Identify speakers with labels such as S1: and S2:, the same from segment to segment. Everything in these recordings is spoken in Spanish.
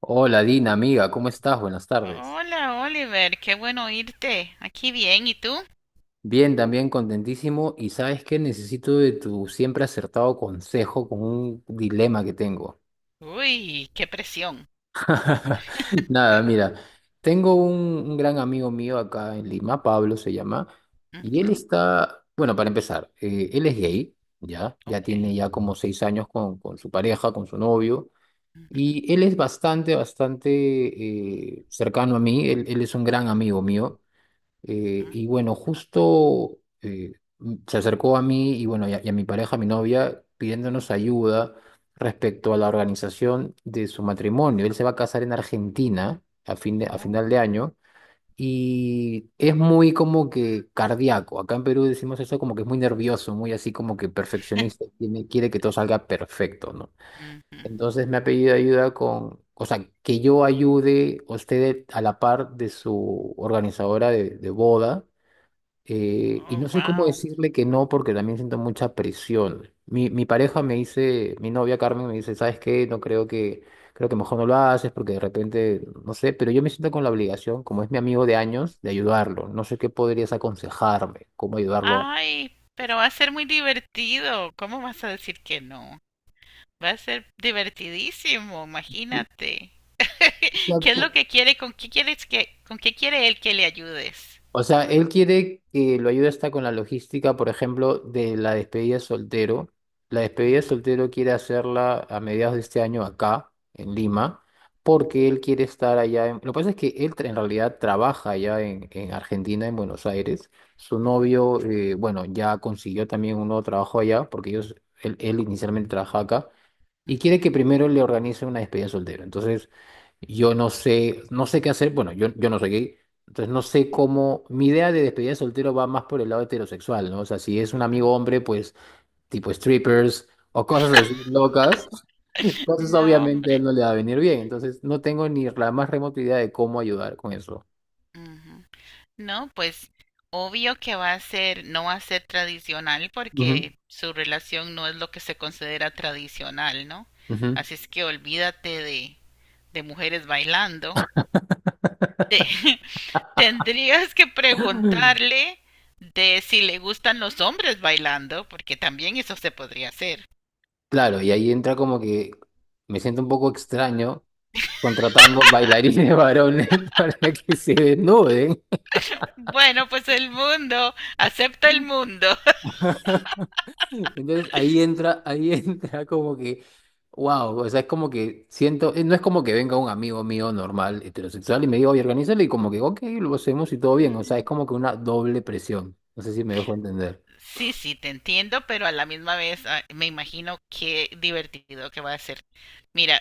S1: Hola Dina, amiga, ¿cómo estás? Buenas tardes.
S2: Hola, Oliver, qué bueno oírte. Aquí bien, ¿y tú?
S1: Bien, también contentísimo y sabes que necesito de tu siempre acertado consejo con un dilema que tengo.
S2: Uy, qué presión.
S1: Nada, mira, tengo un gran amigo mío acá en Lima, Pablo se llama, y él
S2: Okay,
S1: está, bueno, para empezar, él es gay, ya tiene
S2: okay.
S1: ya como seis años con su pareja, con su novio,
S2: Ujú,
S1: y él es bastante cercano a mí, él es un gran amigo mío. Eh,
S2: ujú.
S1: y bueno, justo se acercó a mí y bueno, y a mi pareja, a mi novia, pidiéndonos ayuda respecto a la organización de su matrimonio. Él se va a casar en Argentina a
S2: Oh,
S1: final de año y es muy como que cardíaco. Acá en Perú decimos eso como que es muy nervioso, muy así como que perfeccionista, quiere que todo salga perfecto, ¿no?
S2: ujú.
S1: Entonces me ha pedido ayuda con, o sea, que yo ayude a usted a la par de su organizadora de boda, y
S2: Oh,
S1: no sé cómo
S2: wow.
S1: decirle que no porque también siento mucha presión. Mi pareja me dice, mi novia Carmen me dice, ¿sabes qué? No creo que, Creo que mejor no lo haces porque de repente, no sé, pero yo me siento con la obligación, como es mi amigo de años, de ayudarlo. No sé qué podrías aconsejarme, cómo ayudarlo.
S2: Ay, pero va a ser muy divertido. ¿Cómo vas a decir que no? Va a ser divertidísimo,
S1: Sí.
S2: imagínate.
S1: O sea,
S2: ¿Qué es lo
S1: po-
S2: que quiere? ¿Con qué quiere él que le ayudes?
S1: O sea, él quiere que lo ayude hasta con la logística, por ejemplo, de la despedida de soltero. La despedida de
S2: Ujú,
S1: soltero quiere hacerla a mediados de este año acá, en Lima, porque él quiere estar allá. Lo que pasa es que en realidad trabaja allá en Argentina, en Buenos Aires. Su
S2: ujú,
S1: novio, bueno, ya consiguió también un nuevo trabajo allá, porque ellos, él inicialmente trabaja acá y quiere
S2: ujú,
S1: que primero le organice una despedida de soltero. Entonces, yo no sé, no sé qué hacer. Bueno, yo no soy gay, entonces no sé cómo. Mi idea de despedida de soltero va más por el lado heterosexual, ¿no? O sea, si es un amigo
S2: ujú.
S1: hombre, pues tipo strippers o cosas así locas, entonces
S2: No,
S1: obviamente a él
S2: hombre.
S1: no le va a venir bien. Entonces, no tengo ni la más remota idea de cómo ayudar con eso.
S2: Ujú. No, pues obvio que va a ser, no va a ser tradicional porque su relación no es lo que se considera tradicional, ¿no?
S1: Ujú, ujú.
S2: Así es que olvídate de mujeres bailando. Te- tendrías que preguntarle de si le gustan los hombres bailando, porque también eso se podría hacer.
S1: Claro, y ahí entra como que me siento un poco extraño contratando bailarines varones para que se desnuden.
S2: Bueno, pues el mundo, acepta el mundo.
S1: Entonces ahí entra, ahí entra como que, wow, o sea, es como que siento, no es como que venga un amigo mío normal, heterosexual, y me diga, oye, organízalo, y como que, ok, lo hacemos y todo bien, o sea, es
S2: Mm.
S1: como que una doble presión, no sé si me dejo entender.
S2: Sí, sí, te entiendo, pero a la misma vez me imagino qué divertido que va a ser. Mira,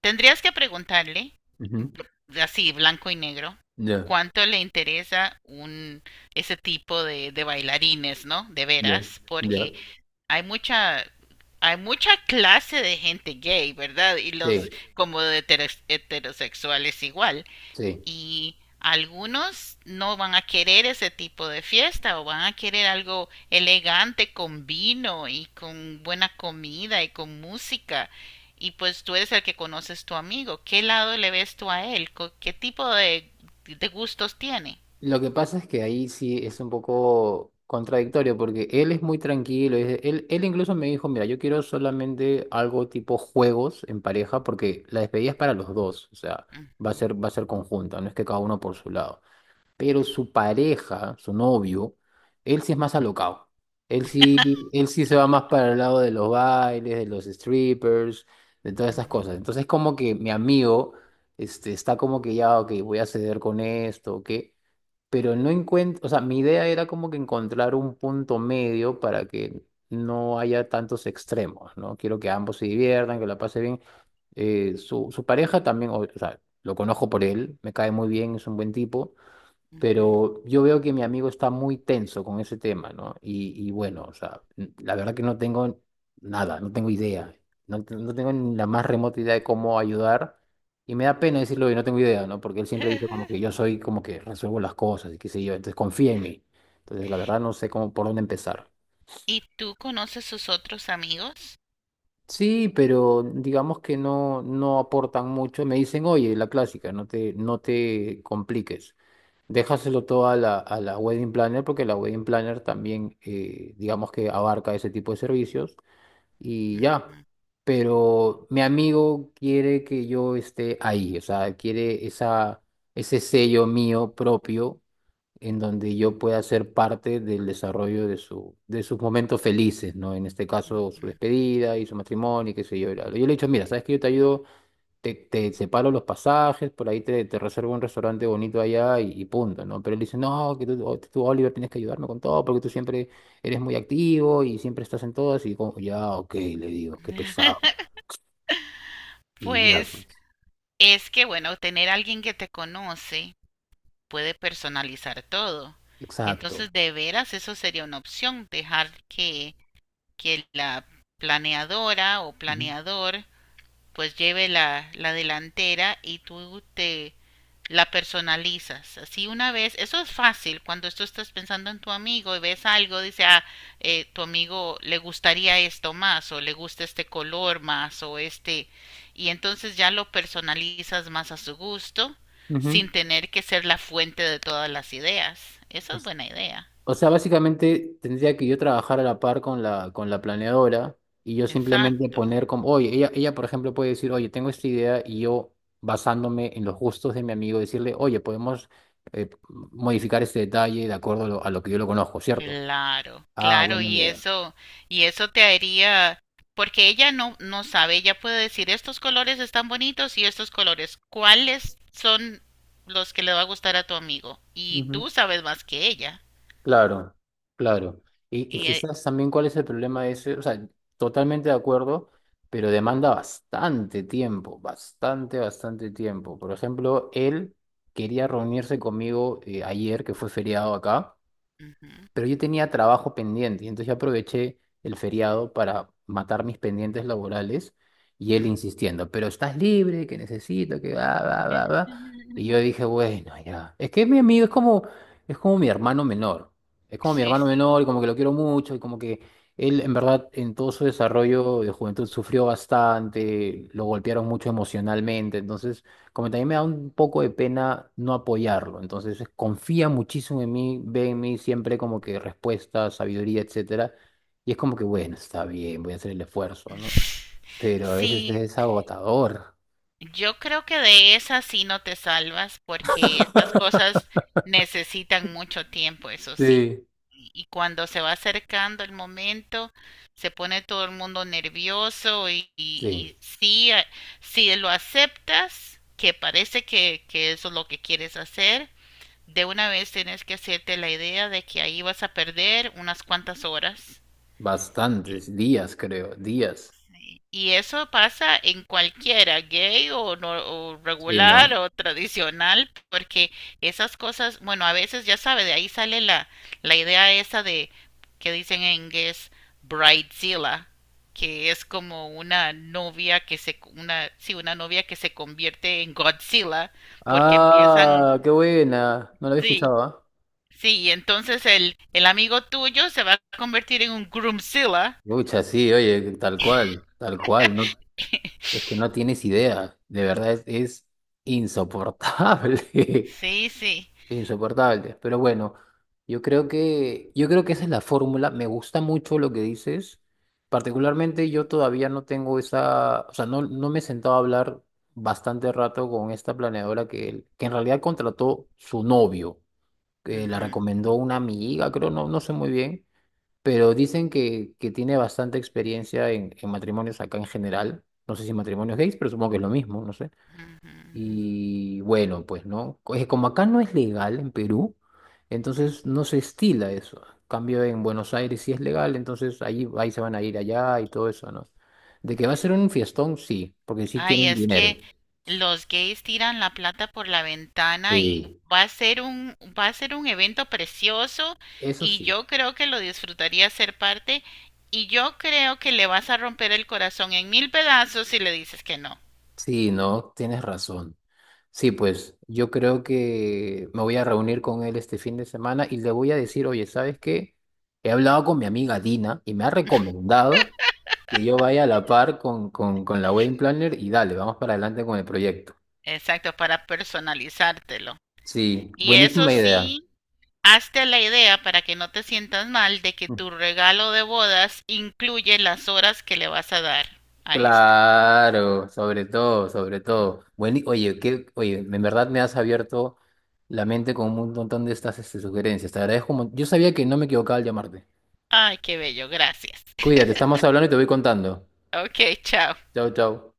S2: tendrías que preguntarle,
S1: Ujú.
S2: así blanco y negro,
S1: Ya,
S2: cuánto le interesa un ese tipo de bailarines, ¿no? De
S1: ya,
S2: veras,
S1: ya,
S2: porque hay mucha hay mucha clase de gente gay, ¿verdad? Y los
S1: sí,
S2: como de heterosexuales igual
S1: sí.
S2: y algunos no van a querer ese tipo de fiesta o van a querer algo elegante con vino y con buena comida y con música. Y pues tú eres el que conoces tu amigo. ¿Qué lado le ves tú a él? ¿Qué tipo de gustos tiene?
S1: Lo que pasa es que ahí sí es un poco contradictorio porque él es muy tranquilo. Él, incluso me dijo, mira, yo quiero solamente algo tipo juegos en pareja porque la despedida es para los dos. O sea,
S2: Ujú,
S1: va a ser conjunta, no es que cada uno por su lado. Pero su pareja, su novio, él sí es más alocado. Él sí, él sí se va más para el lado de los bailes, de los strippers, de todas esas
S2: ujú,
S1: cosas. Entonces como que mi amigo está como que ya, ok, voy a ceder con esto, ok pero no encuentro, o sea, mi idea era como que encontrar un punto medio para que no haya tantos extremos, ¿no? Quiero que ambos se diviertan, que la pase bien. Su pareja también, o sea, lo conozco por él, me cae muy bien, es un buen tipo,
S2: ujú.
S1: pero yo veo que mi amigo está muy tenso con ese tema, ¿no? Y bueno, o sea, la verdad que no tengo nada, no tengo idea, no tengo ni la más remota idea de cómo ayudar. Y me da pena decirlo y no tengo idea, ¿no? Porque él siempre dice como que yo soy como que resuelvo las cosas y qué sé yo, entonces confía en mí. Entonces, la verdad no sé cómo por dónde empezar.
S2: ¿Y tú conoces sus otros amigos?
S1: Sí, pero digamos que no, no aportan mucho. Me dicen, oye, la clásica, no te compliques. Déjaselo todo a a la wedding planner porque la wedding planner también, digamos que abarca ese tipo de servicios y
S2: Ujú,
S1: ya. Pero mi amigo quiere que yo esté ahí, o sea, quiere ese sello mío propio en donde yo pueda ser parte del desarrollo de de sus momentos felices, ¿no? En este caso, su
S2: ujú.
S1: despedida y su matrimonio, y qué sé yo. Y bla, bla. Yo le he dicho, mira, ¿sabes que yo te ayudo, te separo los pasajes, por ahí te reservo un restaurante bonito allá y punto, ¿no? Pero él dice, no, que tú, Oliver, tienes que ayudarme con todo porque tú siempre eres muy activo y siempre estás en todas y como, ya, ok, le digo, qué pesado. Y ya,
S2: Pues
S1: pues,
S2: es que, bueno, tener alguien que te conoce puede personalizar todo.
S1: exacto.
S2: Entonces, de veras, eso sería una opción, dejar que la planeadora o
S1: Ujú.
S2: planeador pues lleve la delantera y tú te la personalizas. Así una vez, eso es fácil, cuando tú estás pensando en tu amigo y ves algo, dice, ah, tu amigo le gustaría esto más o le gusta este color más o este, y entonces ya lo personalizas más a su gusto sin tener que ser la fuente de todas las ideas. Esa es
S1: Ujú.
S2: buena idea.
S1: O sea, básicamente tendría que yo trabajar a la par con con la planeadora y yo simplemente
S2: Exacto.
S1: poner como, oye, ella, por ejemplo, puede decir, oye, tengo esta idea y yo, basándome en los gustos de mi amigo, decirle, oye, podemos eh, modificar este detalle de acuerdo a a lo que yo lo conozco, ¿cierto?
S2: Claro,
S1: Ah,
S2: claro,
S1: buena
S2: y
S1: idea.
S2: eso, y eso te haría, porque ella no sabe, ella puede decir estos colores están bonitos y estos colores, ¿cuáles son los que le va a gustar a tu amigo? Y
S1: Ujú.
S2: tú sabes más que ella.
S1: Claro, claro. Y
S2: Y,
S1: quizás también cuál es el problema de ese, o sea, totalmente de acuerdo, pero demanda bastante tiempo, bastante, bastante tiempo. Por ejemplo, él quería reunirse conmigo ayer, que fue feriado acá,
S2: ujú,
S1: pero yo tenía trabajo pendiente, y entonces yo aproveché el feriado para matar mis pendientes laborales y él
S2: ujú.
S1: insistiendo, pero estás libre, que necesito, que va, va, va, va. Y yo dije, bueno, ya. Es que mi amigo es como mi hermano menor. Es como mi
S2: Sí,
S1: hermano
S2: sí.
S1: menor, y como que lo quiero mucho, y como que él, en verdad, en todo su desarrollo de juventud sufrió bastante, lo golpearon mucho emocionalmente, entonces como también me da un poco de pena no apoyarlo. Entonces confía muchísimo en mí, ve en mí siempre como que respuesta, sabiduría, etcétera. Y es como que, bueno, está bien, voy a hacer el esfuerzo, ¿no? Pero a veces
S2: Sí,
S1: es agotador.
S2: yo creo que de esas sí no te salvas porque estas cosas necesitan mucho tiempo, eso sí.
S1: Sí,
S2: Y cuando se va acercando el momento, se pone todo el mundo nervioso y,
S1: sí,
S2: y, y sí, si lo aceptas, que parece que eso es lo que quieres hacer, de una vez tienes que hacerte la idea de que ahí vas a perder unas cuantas horas
S1: bastantes días, creo, días.
S2: y eso pasa en cualquiera, gay o, no, o
S1: Sí,
S2: regular
S1: ¿no?
S2: o tradicional, porque esas cosas, bueno, a veces ya sabe, de ahí sale la idea esa de que dicen en inglés bridezilla, que es como una novia que se, una, sí, una novia que se convierte en Godzilla, porque empiezan,
S1: Ah, qué buena. No lo había
S2: sí,
S1: escuchado, ¿ah?
S2: sí, y entonces el amigo tuyo se va a convertir en un groomzilla.
S1: Pucha, sí, oye, tal cual, tal cual. No, es que no tienes idea. De verdad es insoportable.
S2: Sí, sí.
S1: Insoportable. Pero bueno, yo creo que esa es la fórmula. Me gusta mucho lo que dices. Particularmente yo todavía no tengo esa, o sea, no me he sentado a hablar bastante rato con esta planeadora que en realidad contrató su novio, que la
S2: Ujú,
S1: recomendó una amiga, creo, no sé muy bien, pero dicen que tiene bastante experiencia en matrimonios acá en general. No sé si matrimonios gays, pero supongo que es lo mismo, no sé.
S2: ujú, ujú.
S1: Y bueno, pues no, es como acá no es legal en Perú, entonces
S2: Ujú.
S1: no se estila eso. Cambio en Buenos Aires sí es legal, entonces ahí, ahí se van a ir allá y todo eso, ¿no? De que va a ser un fiestón, sí, porque sí
S2: Ay,
S1: tienen
S2: es
S1: dinero.
S2: que los gays tiran la plata por la ventana y
S1: Sí,
S2: va a ser un evento precioso
S1: eso
S2: y
S1: sí.
S2: yo creo que lo disfrutaría ser parte y yo creo que le vas a romper el corazón en mil pedazos si le dices que no.
S1: Sí, no, tienes razón. Sí, pues yo creo que me voy a reunir con él este fin de semana y le voy a decir, oye, ¿sabes qué? He hablado con mi amiga Dina y me ha recomendado que yo vaya a la par con la Wedding Planner y dale, vamos para adelante con el proyecto.
S2: Exacto, para personalizártelo.
S1: Sí,
S2: Y eso
S1: buenísima idea.
S2: sí, hazte la idea para que no te sientas mal de que
S1: Mm.
S2: tu regalo de bodas incluye las horas que le vas a dar a este.
S1: Claro, sobre todo, sobre
S2: Mm.
S1: todo. Bueno, oye, en verdad me has abierto la mente con un montón de estas sugerencias. Te agradezco. Yo sabía que no me equivocaba al llamarte.
S2: Ay, qué bello, gracias.
S1: Cuídate, estamos hablando y te voy contando.
S2: Ok, chao.
S1: Chau, chau.